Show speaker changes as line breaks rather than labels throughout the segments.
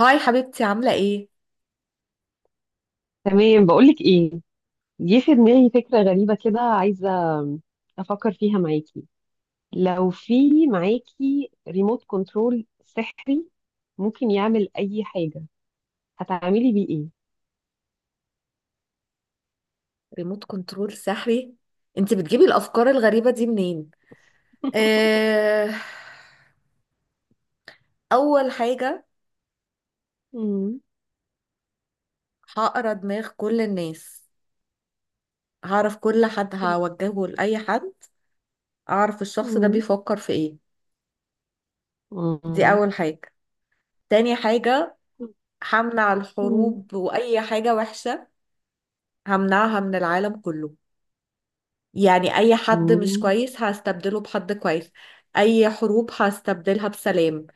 هاي حبيبتي، عاملة ايه؟
تمام، بقولك ايه، جه في دماغي فكرة غريبة كده، عايزة افكر فيها معاكي. لو في معاكي ريموت كنترول سحري ممكن يعمل اي حاجة، هتعملي بيه ايه؟
ريموت كنترول سحري؟ انت بتجيبي الأفكار الغريبة دي منين؟ اه... أول حاجة،
مم.
هقرا دماغ كل الناس، هعرف كل حد هوجهه لأي حد، أعرف الشخص ده
مم.
بيفكر في ايه. دي
مم.
أول حاجة. تاني حاجة، همنع
مم.
الحروب وأي حاجة وحشة، همنعها من العالم كله. يعني أي حد مش
مم.
كويس هستبدله بحد كويس، أي حروب هستبدلها بسلام،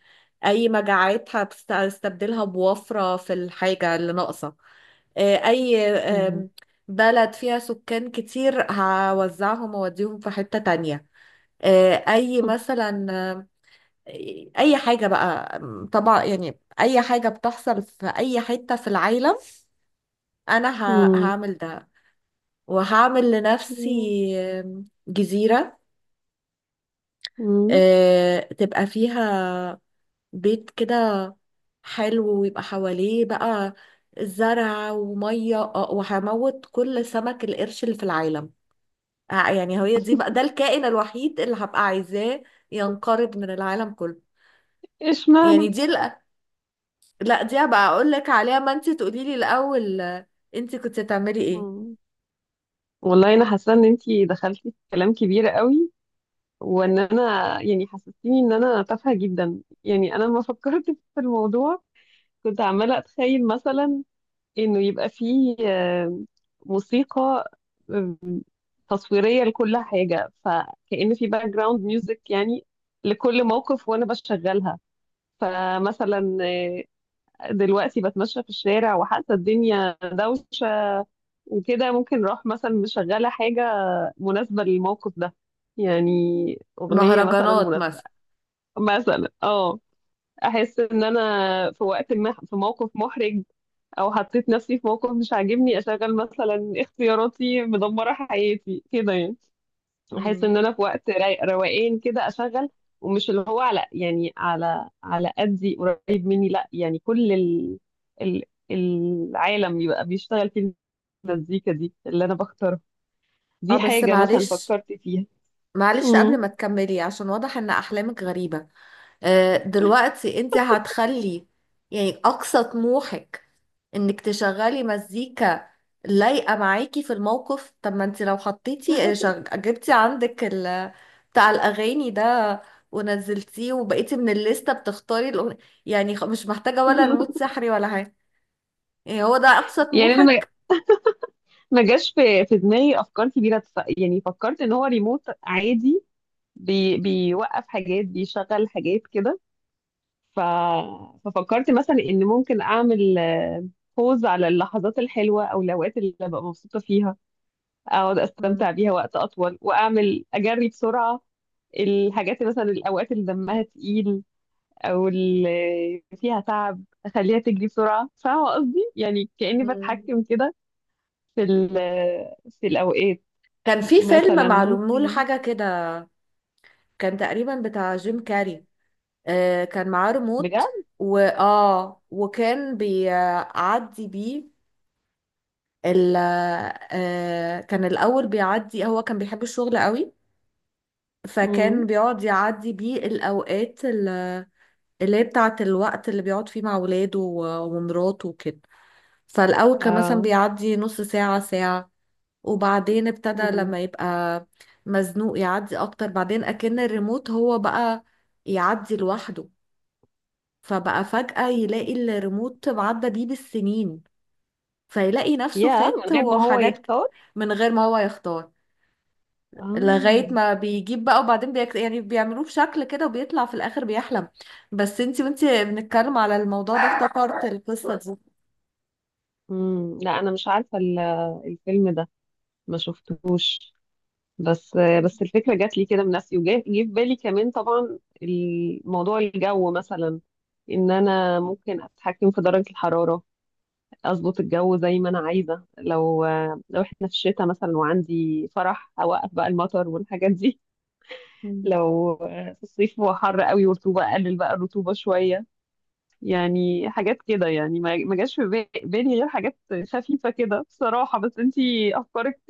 أي مجاعات هستبدلها بوفرة في الحاجة اللي ناقصة. أي
مم.
بلد فيها سكان كتير هوزعهم وأوديهم في حتة تانية. أي مثلا، أي حاجة بقى، طبعا يعني أي حاجة بتحصل في أي حتة في العالم. أنا
مم.
هعمل ده، وهعمل لنفسي جزيرة
مم.
تبقى فيها بيت كده حلو، ويبقى حواليه بقى زرع ومية، وهموت كل سمك القرش اللي في العالم. يعني هي دي بقى، ده الكائن الوحيد اللي هبقى عايزاه ينقرض من العالم كله.
اشمعنى؟
يعني دي لا، لا دي هبقى اقول لك عليها، ما انت تقولي لي الاول. انت كنت تعملي ايه؟
مم. والله انا حاسة ان انتي دخلتي في كلام كبير قوي، وان انا يعني حسستيني ان انا تافهه جدا. يعني انا لما فكرت في الموضوع كنت عماله اتخيل مثلا انه يبقى فيه موسيقى آه، تصويريه لكل حاجه، فكأن في باك جراوند ميوزك يعني لكل موقف، وانا بشغلها. فمثلا دلوقتي بتمشى في الشارع وحاسه الدنيا دوشه وكده، ممكن اروح مثلا مشغله حاجه مناسبه للموقف ده، يعني اغنيه مثلا
مهرجانات
مناسبه.
مثلا.
مثلا اه، احس ان انا في وقت ما في موقف محرج، او حطيت نفسي في موقف مش عاجبني، اشغل مثلا اختياراتي مدمره حياتي كده يعني. احس
مم.
ان انا في وقت روقان كده اشغل، ومش اللي هو على يعني على قدي قريب مني، لا، يعني كل ال ال العالم يبقى بيشتغل في المزيكا دي اللي انا بختارها.
اه
دي
بس
حاجه مثلا
معلش،
فكرت فيها.
قبل
مم.
ما تكملي عشان واضح ان احلامك غريبة. دلوقتي انت هتخلي يعني اقصى طموحك انك تشغلي مزيكا لايقه معاكي في الموقف؟ طب ما انت لو حطيتي، جبتي عندك بتاع الاغاني ده، ونزلتيه، وبقيتي من الليسته بتختاري الأغنية. يعني مش محتاجه ولا رموت سحري ولا حاجه. يعني هو ده اقصى
يعني انا
طموحك؟
ما جاش في دماغي افكار كبيره، يعني فكرت ان هو ريموت عادي، بيوقف حاجات بيشغل حاجات كده. ف... ففكرت مثلا ان ممكن اعمل بوز على اللحظات الحلوه او الاوقات اللي ببقى مبسوطه فيها، اقعد
مم.
استمتع بيها وقت اطول، واعمل اجري بسرعه الحاجات اللي مثلا الاوقات اللي دمها تقيل، او اللي فيها تعب اخليها تجري بسرعه. فاهمه قصدي؟ يعني كاني
مم.
بتحكم كده في ال- في الاوقات.
كان في فيلم
مثلا
معلوم له
ممكن.
حاجه كده، كان تقريبا بتاع جيم كاري. كان معاه
بجد.
ريموت، واه وكان بيعدي بيه ال آه، كان الاول بيعدي. هو كان بيحب الشغل قوي، فكان
امم.
بيقعد يعدي بيه الاوقات اللي هي بتاعه الوقت اللي بيقعد فيه مع ولاده ومراته وكده. فالاول كان مثلا
اه.
بيعدي نص ساعه، ساعه، وبعدين ابتدى
امم.
لما يبقى مزنوق يعدي اكتر. بعدين اكن الريموت هو بقى يعدي لوحده، فبقى فجأة يلاقي الريموت معدى بيه بالسنين، فيلاقي نفسه
يا، من
فات
غير ما هو
وحاجات
يختار.
من غير ما هو يختار،
اه.
لغاية ما بيجيب بقى وبعدين يعني بيعملوه بشكل كده وبيطلع في الآخر بيحلم. بس انتي، وانتي بنتكلم على الموضوع ده افتكرت القصة دي.
امم. لا، انا مش عارفه الفيلم ده، ما شفتهوش. بس بس الفكره جات لي كده من نفسي، جه في بالي كمان، طبعا الموضوع الجو مثلا، ان انا ممكن اتحكم في درجه الحراره، اظبط الجو زي ما انا عايزه. لو احنا في الشتاء مثلا وعندي فرح، اوقف بقى المطر والحاجات دي.
مم.
لو في الصيف هو حر قوي ورطوبة، قلل بقى الرطوبة شوية. يعني حاجات كده، يعني ما جاش في بالي غير حاجات خفيفة كده بصراحة. بس انتي أفكارك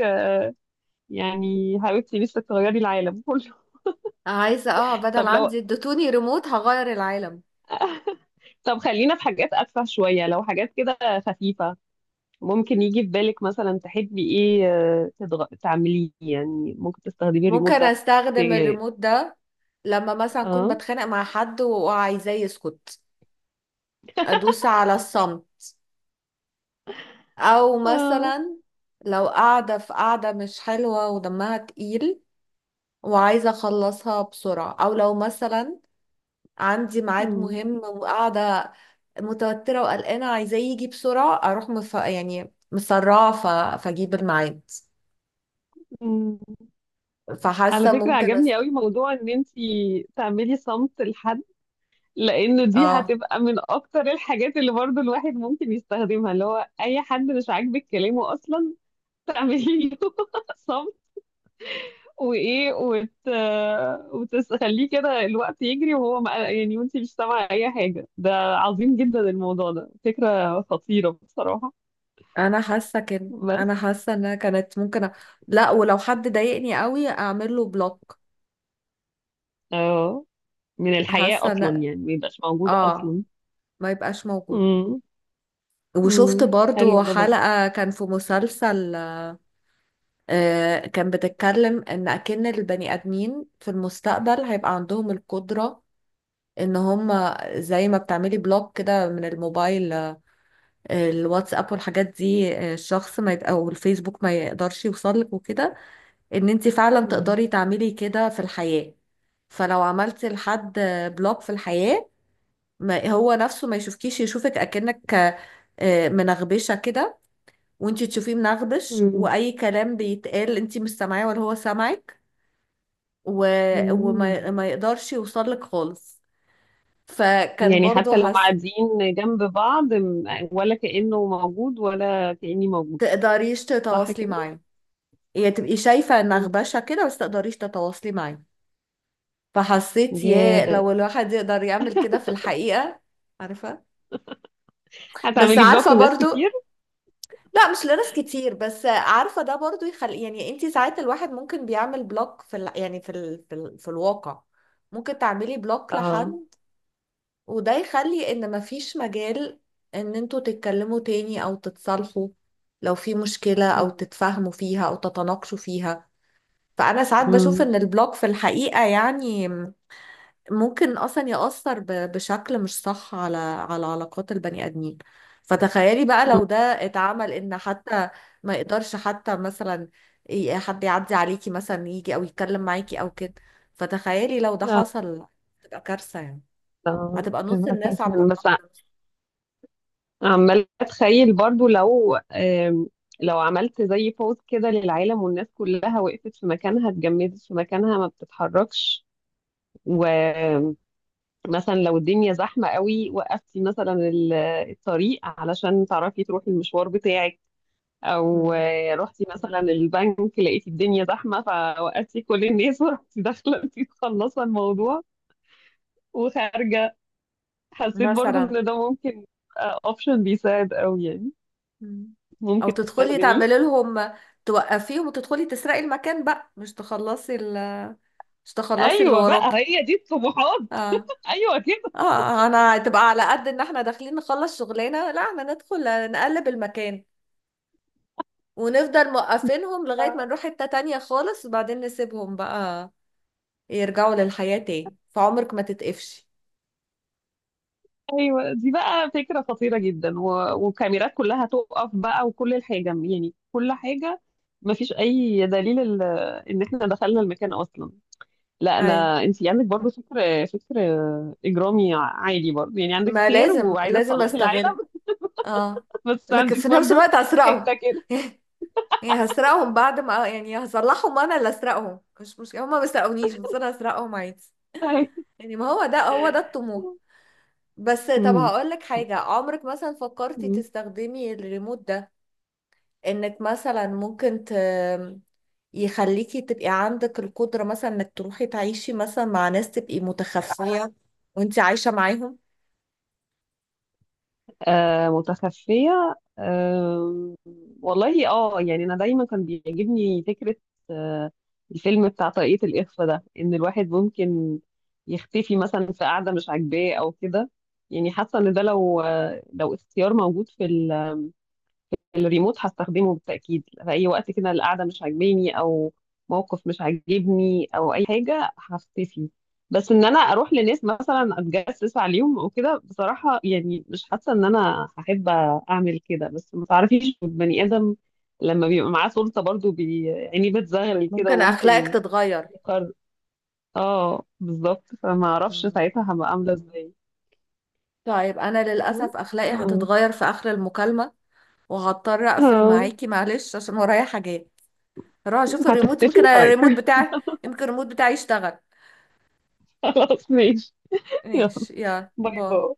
يعني حاولتي لسه تغيري العالم كله.
عايزة، اه، بدل
طب لو
عندي اديتوني ريموت، هغير العالم.
طب خلينا في حاجات أتفه شوية. لو حاجات كده خفيفة، ممكن يجي في بالك مثلا تحبي ايه تعمليه؟ يعني ممكن تستخدمي الريموت
ممكن
ده ت...
استخدم الريموت ده لما مثلا اكون
اه.
بتخانق مع حد وعايزاه يسكت، ادوس على الصمت. او
اه.
مثلا لو قاعدة في قاعدة مش حلوة ودمها تقيل وعايزة اخلصها بسرعة، او لو مثلا عندي ميعاد مهم وقاعدة متوترة وقلقانة عايزاه يجي بسرعة، اروح يعني مسرعة فاجيب الميعاد.
مم. على
فحاسة
فكرة
ممكن
عجبني قوي موضوع ان انتي تعملي صمت لحد، لانه دي
اه،
هتبقى من اكتر الحاجات اللي برضو الواحد ممكن يستخدمها، اللي هو اي حد مش عاجبك كلامه اصلا، تعملي له صمت وايه، وتخليه كده الوقت يجري وهو ما... يعني وانتي مش سامعة اي حاجة. ده عظيم جدا الموضوع ده، فكرة خطيرة بصراحة.
انا حاسة كده،
بس
انا حاسة انها كانت ممكن لا، ولو حد ضايقني قوي اعمل له بلوك.
اه، من الحياة
حاسة
اصلا،
ان،
يعني ما يبقاش موجود
اه،
اصلا.
ما يبقاش موجود.
امم. امم.
وشفت
حلو
برضو
ده.
حلقة كان في مسلسل، كان بتتكلم ان اكن البني ادمين في المستقبل هيبقى عندهم القدرة ان هم زي ما بتعملي بلوك كده من الموبايل، الواتساب والحاجات دي، الشخص ما يد... او الفيسبوك ما يقدرش يوصلك وكده، ان انت فعلا
برضه.
تقدري تعملي كده في الحياة. فلو عملتي لحد بلوك في الحياة، ما هو نفسه ما يشوفكيش، يشوفك اكنك منغبشة كده، وانتي تشوفيه منغبش،
مم.
واي كلام بيتقال انتي مش سامعاه ولا هو سامعك. و... وما
مم.
ما يقدرش يوصلك خالص. فكان
يعني
برضو
حتى لو
هس...
قاعدين جنب بعض ولا كأنه موجود ولا كأني موجود.
تقدريش
صح
تتواصلي
كده؟
معاه. يعني تبقي شايفة
مم.
نغبشة كده بس تقدريش تتواصلي معاه. فحسيت،
يا
يا لو
ده،
الواحد يقدر يعمل كده في الحقيقة. عارفة. بس
هتعملي بلوك
عارفة
لناس
برضو،
كتير؟
لا مش لناس كتير، بس عارفة ده برضو يخلي، يعني انتي ساعات الواحد ممكن بيعمل بلوك في يعني في في الواقع. ممكن تعملي بلوك
اه.
لحد، وده يخلي ان مفيش مجال ان انتوا تتكلموا تاني او تتصالحوا لو في مشكلة، او
مم.
تتفاهموا فيها او تتناقشوا فيها. فانا ساعات بشوف
مم.
ان البلوك في الحقيقة يعني ممكن اصلا يأثر بشكل مش صح على علاقات البني ادمين. فتخيلي بقى
مم.
لو ده اتعمل، ان حتى ما يقدرش حتى مثلا حد يعدي عليكي، مثلا يجي او يتكلم معاكي او كده. فتخيلي لو ده
لا،
حصل تبقى كارثة يعني.
لا،
هتبقى نص
تبقى
الناس
كارثة.
عاملة
أنا بس
بلوك.
عمالة أتخيل برضو لو لو عملت زي بوز كده للعالم والناس كلها وقفت في مكانها، اتجمدت في مكانها ما بتتحركش، مثلا لو الدنيا زحمة قوي وقفتي مثلا الطريق علشان تعرفي تروحي المشوار بتاعك، او
مم.
رحتي مثلا البنك لقيتي الدنيا زحمة فوقفتي كل الناس ورحتي داخلة انتي مخلصة الموضوع وخارجة. حسيت برضو
مثلا.
ان ده ممكن اوبشن بيساعد قوي يعني،
مم. او
ممكن
تدخلي
تستخدميه.
تعملي لهم، توقفيهم وتدخلي تسرقي المكان بقى، مش تخلصي مش تخلصي اللي
ايوه بقى،
وراكي.
هي دي الطموحات.
اه.
ايوه كده.
اه، انا هتبقى على قد ان احنا داخلين نخلص شغلنا؟ لا، احنا ندخل نقلب المكان، ونفضل موقفينهم لغاية ما نروح حتة تانية خالص، وبعدين نسيبهم بقى يرجعوا للحياة تاني، فعمرك ما تتقفشي.
ايوه، دي بقى فكره خطيره جدا، وكاميرات كلها تقف بقى، وكل الحاجه، يعني كل حاجه ما فيش اي دليل ان احنا دخلنا المكان اصلا. لا،
ايوه،
انا انت عندك برضو فكر اجرامي عادي برضو، يعني عندك
ما
خير
لازم
وعايزه
لازم
تصلحي
استغل.
العالم،
اه،
بس
لكن
عندك
في نفس
برضو
الوقت اسرقهم.
حته كده.
يعني هسرقهم بعد ما، يعني هصلحهم، انا اللي اسرقهم، مش هما ما سرقونيش، بس انا هسرقهم عادي.
أيوة.
يعني ما هو ده، هو ده الطموح. بس طب هقول لك حاجة، عمرك مثلا فكرتي
مم.
تستخدمي الريموت ده انك مثلا يخليكي تبقي عندك القدرة، مثلا انك تروحي تعيشي مثلا مع ناس تبقي متخفية وانت عايشة معاهم؟
آه، متخفية، آه، والله اه، يعني أنا دايما كان بيعجبني فكرة آه الفيلم بتاع طريقة الإخفاء ده، إن الواحد ممكن يختفي مثلا في قعدة مش عاجباه أو كده. يعني حاسة إن ده لو لو اختيار موجود في الريموت، هستخدمه بالتأكيد في أي وقت كده القعدة مش عاجباني أو موقف مش عاجبني أو أي حاجة هختفي. بس إن أنا أروح لناس مثلا أتجسس عليهم أو كده، بصراحة يعني مش حاسة إن أنا هحب أعمل كده. بس ما تعرفيش البني آدم لما بيبقى معاه سلطة برضو يعني بتزغلل كده
ممكن اخلاقك
وممكن
تتغير.
يقرر. اه بالظبط، فما أعرفش
مم.
ساعتها هبقى عاملة إزاي.
طيب انا
بس،
للأسف اخلاقي
اه.
هتتغير في اخر المكالمة، وهضطر اقفل
اه،
معاكي معلش عشان ورايا حاجات. هروح اشوف الريموت، يمكن
هتختفي؟ طيب.
الريموت بتاعي يمكن الريموت بتاعي يشتغل.
خلاص ماشي. يلا.
ماشي، يلا
باي
باي.
باي.